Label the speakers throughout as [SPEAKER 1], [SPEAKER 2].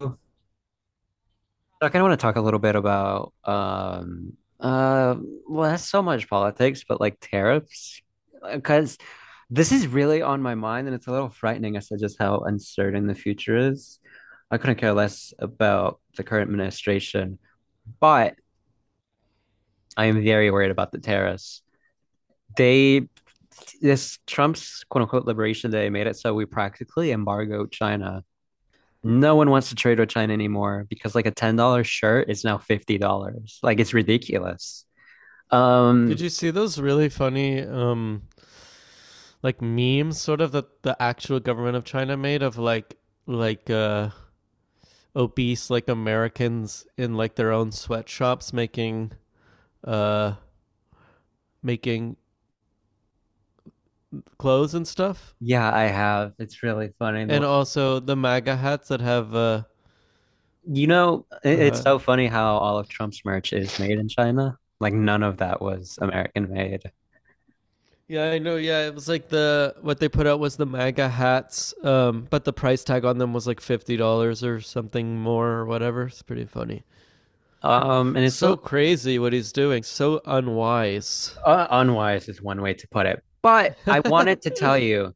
[SPEAKER 1] So I kind of want to talk a little bit about uh that's so much politics, but like tariffs because this is really on my mind and it's a little frightening as to just how uncertain the future is. I couldn't care less about the current administration, but I am very worried about the tariffs. They this Trump's quote unquote liberation day made it so we practically embargo China. No one wants to trade with China anymore because like a $10 shirt is now $50. Like it's ridiculous. Um,
[SPEAKER 2] Did you see those really funny like memes sort of that the actual government of China made of like obese like Americans in like their own sweatshops making uh making clothes and stuff?
[SPEAKER 1] yeah, I have. It's really funny. The,
[SPEAKER 2] And also the MAGA hats that have
[SPEAKER 1] you know, it- It's
[SPEAKER 2] uh
[SPEAKER 1] so funny how all of Trump's merch is made in China. Like none of that was American made.
[SPEAKER 2] yeah, I know. Yeah, it was like the what they put out was the MAGA hats, but the price tag on them was like $50 or something more or whatever. It's pretty funny.
[SPEAKER 1] Um, and it's so,
[SPEAKER 2] So crazy what he's doing. So unwise.
[SPEAKER 1] uh, unwise is one way to put it. But I wanted to tell you,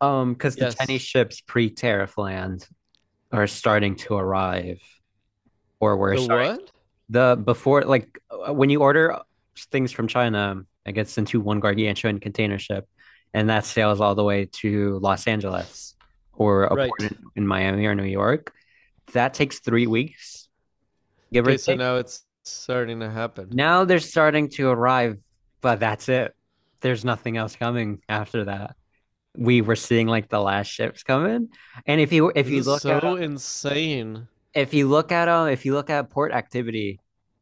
[SPEAKER 1] because the Chinese
[SPEAKER 2] Yes.
[SPEAKER 1] ships pre-tariff land are starting to arrive, or were
[SPEAKER 2] The what?
[SPEAKER 1] the before like when you order things from China, it gets into one gargantuan container ship, and that sails all the way to Los Angeles or a
[SPEAKER 2] Right.
[SPEAKER 1] port in Miami or New York. That takes 3 weeks, give or
[SPEAKER 2] Okay, so
[SPEAKER 1] take.
[SPEAKER 2] now it's starting to happen.
[SPEAKER 1] Now they're starting to arrive, but that's it. There's nothing else coming after that. We were seeing like the last ships coming, and if you if
[SPEAKER 2] This
[SPEAKER 1] you
[SPEAKER 2] is
[SPEAKER 1] look at
[SPEAKER 2] so insane.
[SPEAKER 1] if you look at port activity,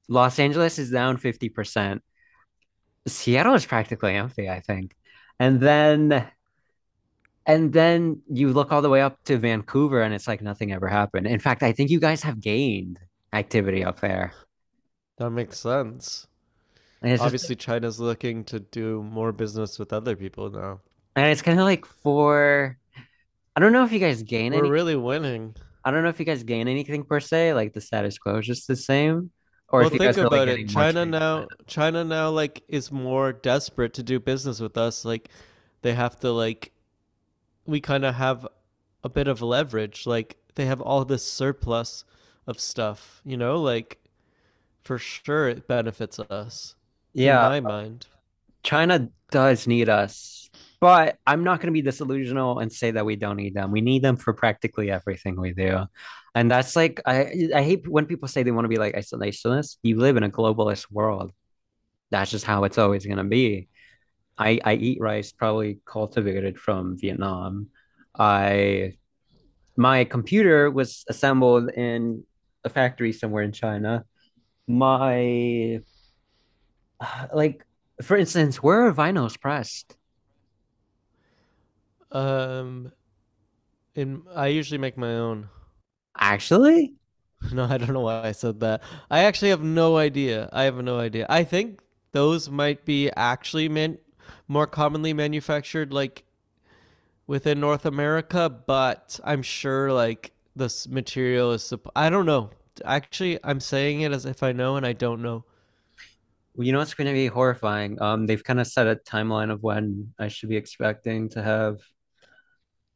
[SPEAKER 1] Los Angeles is down 50%. Seattle is practically empty, I think. And then and then you look all the way up to Vancouver and it's like nothing ever happened. In fact, I think you guys have gained activity up there.
[SPEAKER 2] That makes sense.
[SPEAKER 1] And it's just
[SPEAKER 2] Obviously,
[SPEAKER 1] like
[SPEAKER 2] China's looking to do more business with other people now.
[SPEAKER 1] and it's kind of like for I don't know if you guys gain
[SPEAKER 2] We're
[SPEAKER 1] any
[SPEAKER 2] really winning.
[SPEAKER 1] I don't know if you guys gain anything per se, like the status quo is just the same, or
[SPEAKER 2] Well,
[SPEAKER 1] if you guys
[SPEAKER 2] think
[SPEAKER 1] are like
[SPEAKER 2] about it.
[SPEAKER 1] getting more
[SPEAKER 2] China
[SPEAKER 1] trade with China.
[SPEAKER 2] now, China now, like, is more desperate to do business with us. Like, they have to like we kind of have a bit of leverage. Like they have all this surplus of stuff, like for sure it benefits us in
[SPEAKER 1] Yeah.
[SPEAKER 2] my mind.
[SPEAKER 1] China does need us, but I'm not going to be disillusional and say that we don't need them. We need them for practically everything we do. And that's like, I hate when people say they want to be like isolationist. You live in a globalist world. That's just how it's always going to be. I eat rice probably cultivated from Vietnam. I My computer was assembled in a factory somewhere in China. My like For instance, where are vinyls pressed?
[SPEAKER 2] Um in I usually make my own.
[SPEAKER 1] Actually,
[SPEAKER 2] No, I don't know why I said that. I actually have no idea. I have no idea. I think those might be actually meant more commonly manufactured like within North America, but I'm sure like this material is. I don't know. Actually, I'm saying it as if I know, and I don't know.
[SPEAKER 1] Well, you know it's going to be horrifying? They've kind of set a timeline of when I should be expecting to have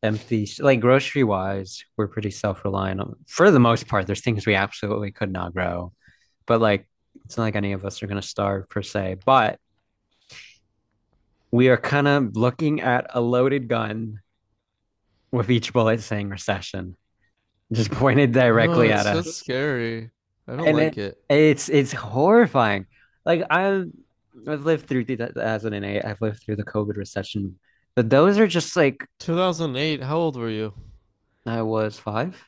[SPEAKER 1] empty, like grocery wise, we're pretty self-reliant on, for the most part. There's things we absolutely could not grow, but like it's not like any of us are going to starve per se. But we are kind of looking at a loaded gun with each bullet saying recession, just pointed
[SPEAKER 2] I know
[SPEAKER 1] directly
[SPEAKER 2] it's
[SPEAKER 1] at
[SPEAKER 2] so
[SPEAKER 1] us.
[SPEAKER 2] scary. I don't
[SPEAKER 1] And it
[SPEAKER 2] like it.
[SPEAKER 1] It's horrifying. Like i have I've lived through 2008. I've lived through the COVID recession. But those are just like
[SPEAKER 2] 2008. How old were you?
[SPEAKER 1] I was five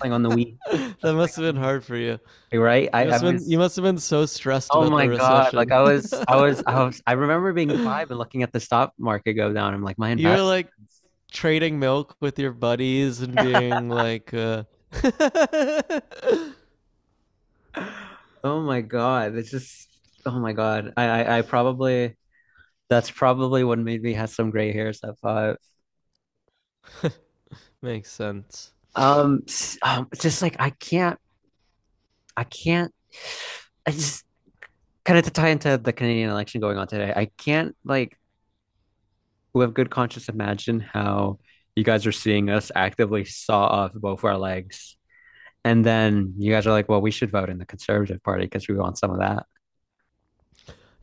[SPEAKER 1] playing on the
[SPEAKER 2] That
[SPEAKER 1] Wii. I was playing
[SPEAKER 2] must have
[SPEAKER 1] on the
[SPEAKER 2] been hard
[SPEAKER 1] Wii.
[SPEAKER 2] for you.
[SPEAKER 1] Right?
[SPEAKER 2] You must
[SPEAKER 1] I
[SPEAKER 2] have been. You
[SPEAKER 1] was
[SPEAKER 2] must have been so stressed
[SPEAKER 1] Oh
[SPEAKER 2] about
[SPEAKER 1] my
[SPEAKER 2] the
[SPEAKER 1] God. Like
[SPEAKER 2] recession.
[SPEAKER 1] I was I was I was I remember being five and looking at the stock market go down. I'm like, my
[SPEAKER 2] You were
[SPEAKER 1] investments.
[SPEAKER 2] like trading milk with your buddies and being like,
[SPEAKER 1] Oh my God. It's just Oh my God. I probably that's probably what made me have some gray hairs at five.
[SPEAKER 2] Makes sense.
[SPEAKER 1] Um, just like I can't, I can't. I just Kind of to tie into the Canadian election going on today. I can't like With good conscience imagine how you guys are seeing us actively saw off both our legs, and then you guys are like, "Well, we should vote in the Conservative Party because we want some of that."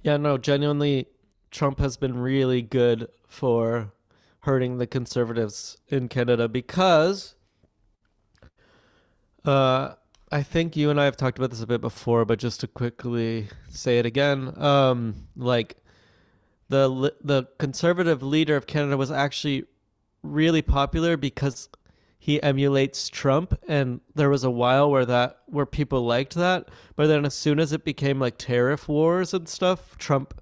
[SPEAKER 2] Yeah, no, genuinely, Trump has been really good for hurting the conservatives in Canada because uh, I think you and I have talked about this a bit before, but just to quickly say it again, like the the conservative leader of Canada was actually really popular because he emulates Trump, and there was a while where that where people liked that, but then as soon as it became like tariff wars and stuff, Trump,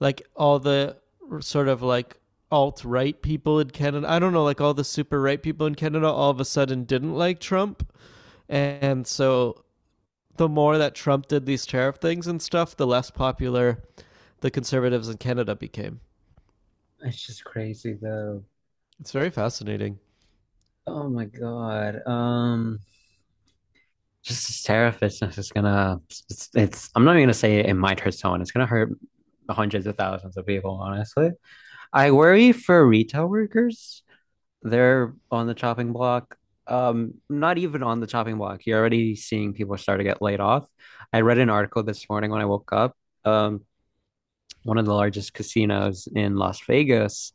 [SPEAKER 2] like all the sort of like alt right people in Canada. I don't know, like all the super right people in Canada all of a sudden didn't like Trump. And so the more that Trump did these tariff things and stuff, the less popular the conservatives in Canada became.
[SPEAKER 1] It's just crazy though.
[SPEAKER 2] It's very fascinating.
[SPEAKER 1] Oh my God. Just this terrifishness is gonna. It's, it's. I'm not even gonna say it might hurt someone. It's gonna hurt hundreds of thousands of people, honestly. I worry for retail workers. They're on the chopping block. Not even on the chopping block. You're already seeing people start to get laid off. I read an article this morning when I woke up. Um, One of the largest casinos in Las Vegas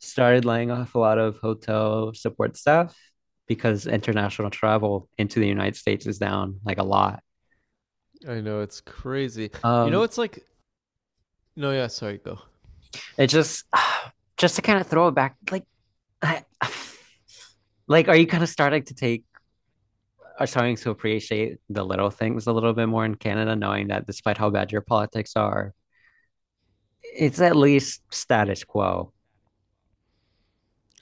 [SPEAKER 1] started laying off a lot of hotel support staff because international travel into the United States is down like a lot.
[SPEAKER 2] I know it's crazy. You know,
[SPEAKER 1] Um,
[SPEAKER 2] it's like no, yeah, sorry, go.
[SPEAKER 1] it just Just to kind of throw it back, like I, like are you kind of starting to take are starting to appreciate the little things a little bit more in Canada, knowing that despite how bad your politics are, it's at least status quo.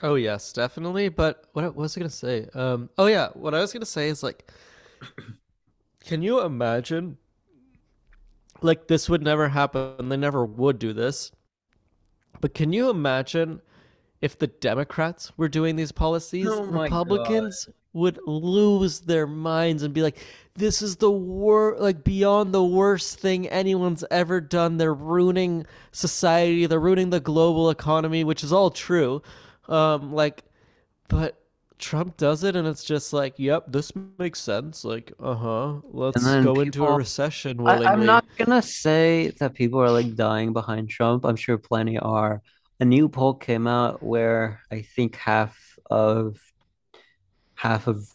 [SPEAKER 2] Oh yes, definitely. But what was I gonna say? Oh yeah, what I was gonna say is like, can you imagine? Like this would never happen. They never would do this. But can you imagine if the Democrats were doing these policies?
[SPEAKER 1] Oh my god.
[SPEAKER 2] Republicans would lose their minds and be like, this is the wor like beyond the worst thing anyone's ever done. They're ruining society, they're ruining the global economy, which is all true. Like, but Trump does it and it's just like, yep, this makes sense. Like, uh huh,
[SPEAKER 1] And
[SPEAKER 2] let's
[SPEAKER 1] then
[SPEAKER 2] go into a
[SPEAKER 1] people,
[SPEAKER 2] recession
[SPEAKER 1] I, I'm
[SPEAKER 2] willingly.
[SPEAKER 1] not gonna say that people are like dying behind Trump. I'm sure plenty are. A new poll came out where I think of half of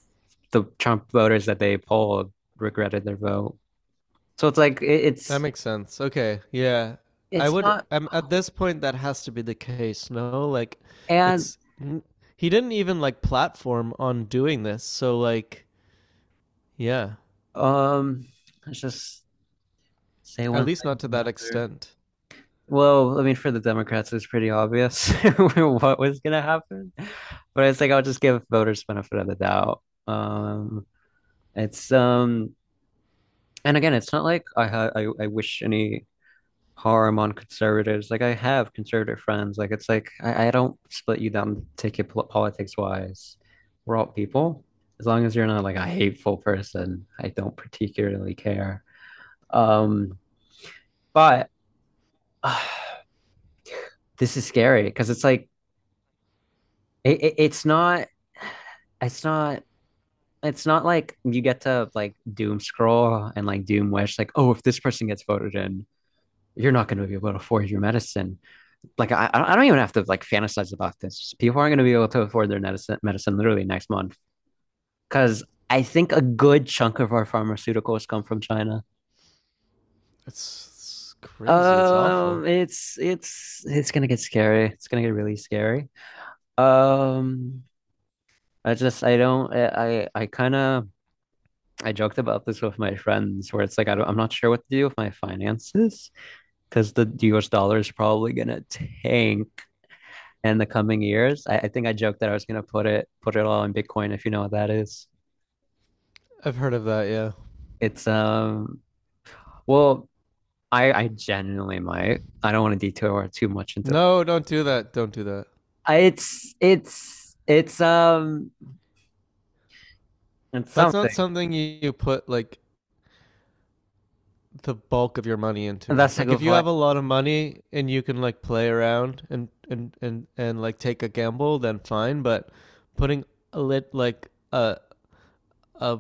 [SPEAKER 1] the Trump voters that they polled regretted their vote. So it's like it,
[SPEAKER 2] That makes sense. Okay. Yeah. I
[SPEAKER 1] it's
[SPEAKER 2] would,
[SPEAKER 1] not
[SPEAKER 2] at this point that has to be the case, no? Like
[SPEAKER 1] and
[SPEAKER 2] it's he didn't even like platform on doing this. So like yeah,
[SPEAKER 1] um it's just Say
[SPEAKER 2] at
[SPEAKER 1] one
[SPEAKER 2] least
[SPEAKER 1] thing
[SPEAKER 2] not to
[SPEAKER 1] to
[SPEAKER 2] that
[SPEAKER 1] another.
[SPEAKER 2] extent.
[SPEAKER 1] Well, I mean, for the Democrats, it was pretty obvious what was gonna happen, but it's like I'll just give voters benefit of the doubt. Um, it's And again, it's not like I wish any harm on conservatives. Like I have conservative friends. Like it's like I don't split you down ticket politics wise. We're all people. As long as you're not like a hateful person, I don't particularly care. Um, but. This is scary because it's like it, it's not it's not it's not like you get to like doom scroll and like doom wish like oh if this person gets voted in you're not going to be able to afford your medicine like I don't even have to like fantasize about this. People aren't going to be able to afford their medicine literally next month because I think a good chunk of our pharmaceuticals come from china.
[SPEAKER 2] It's crazy. It's awful.
[SPEAKER 1] It's it's gonna get scary. It's gonna get really scary. Um I just I don't I, Kind of I joked about this with my friends where it's like I don't, I'm not sure what to do with my finances because the US dollar is probably gonna tank in the coming years. I think I joked that I was gonna put it all in Bitcoin if you know what that is.
[SPEAKER 2] I've heard of that, yeah.
[SPEAKER 1] It's well I genuinely might. I don't want to detour too much into
[SPEAKER 2] No, don't do that. Don't do that.
[SPEAKER 1] it's it's
[SPEAKER 2] That's not
[SPEAKER 1] something.
[SPEAKER 2] something you put like the bulk of your money into.
[SPEAKER 1] That's a
[SPEAKER 2] Like if
[SPEAKER 1] good
[SPEAKER 2] you
[SPEAKER 1] point.
[SPEAKER 2] have a lot of money and you can like play around and like take a gamble, then fine. But putting a lit like a,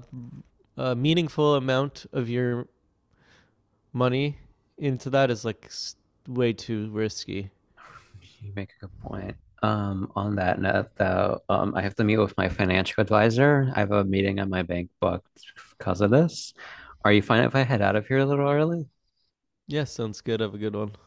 [SPEAKER 2] a meaningful amount of your money into that is like way too risky.
[SPEAKER 1] You make a good point. On that note, though, I have to meet with my financial advisor. I have a meeting on my bank booked because of this. Are you fine if I head out of here a little early?
[SPEAKER 2] Yes, sounds good. Have a good one.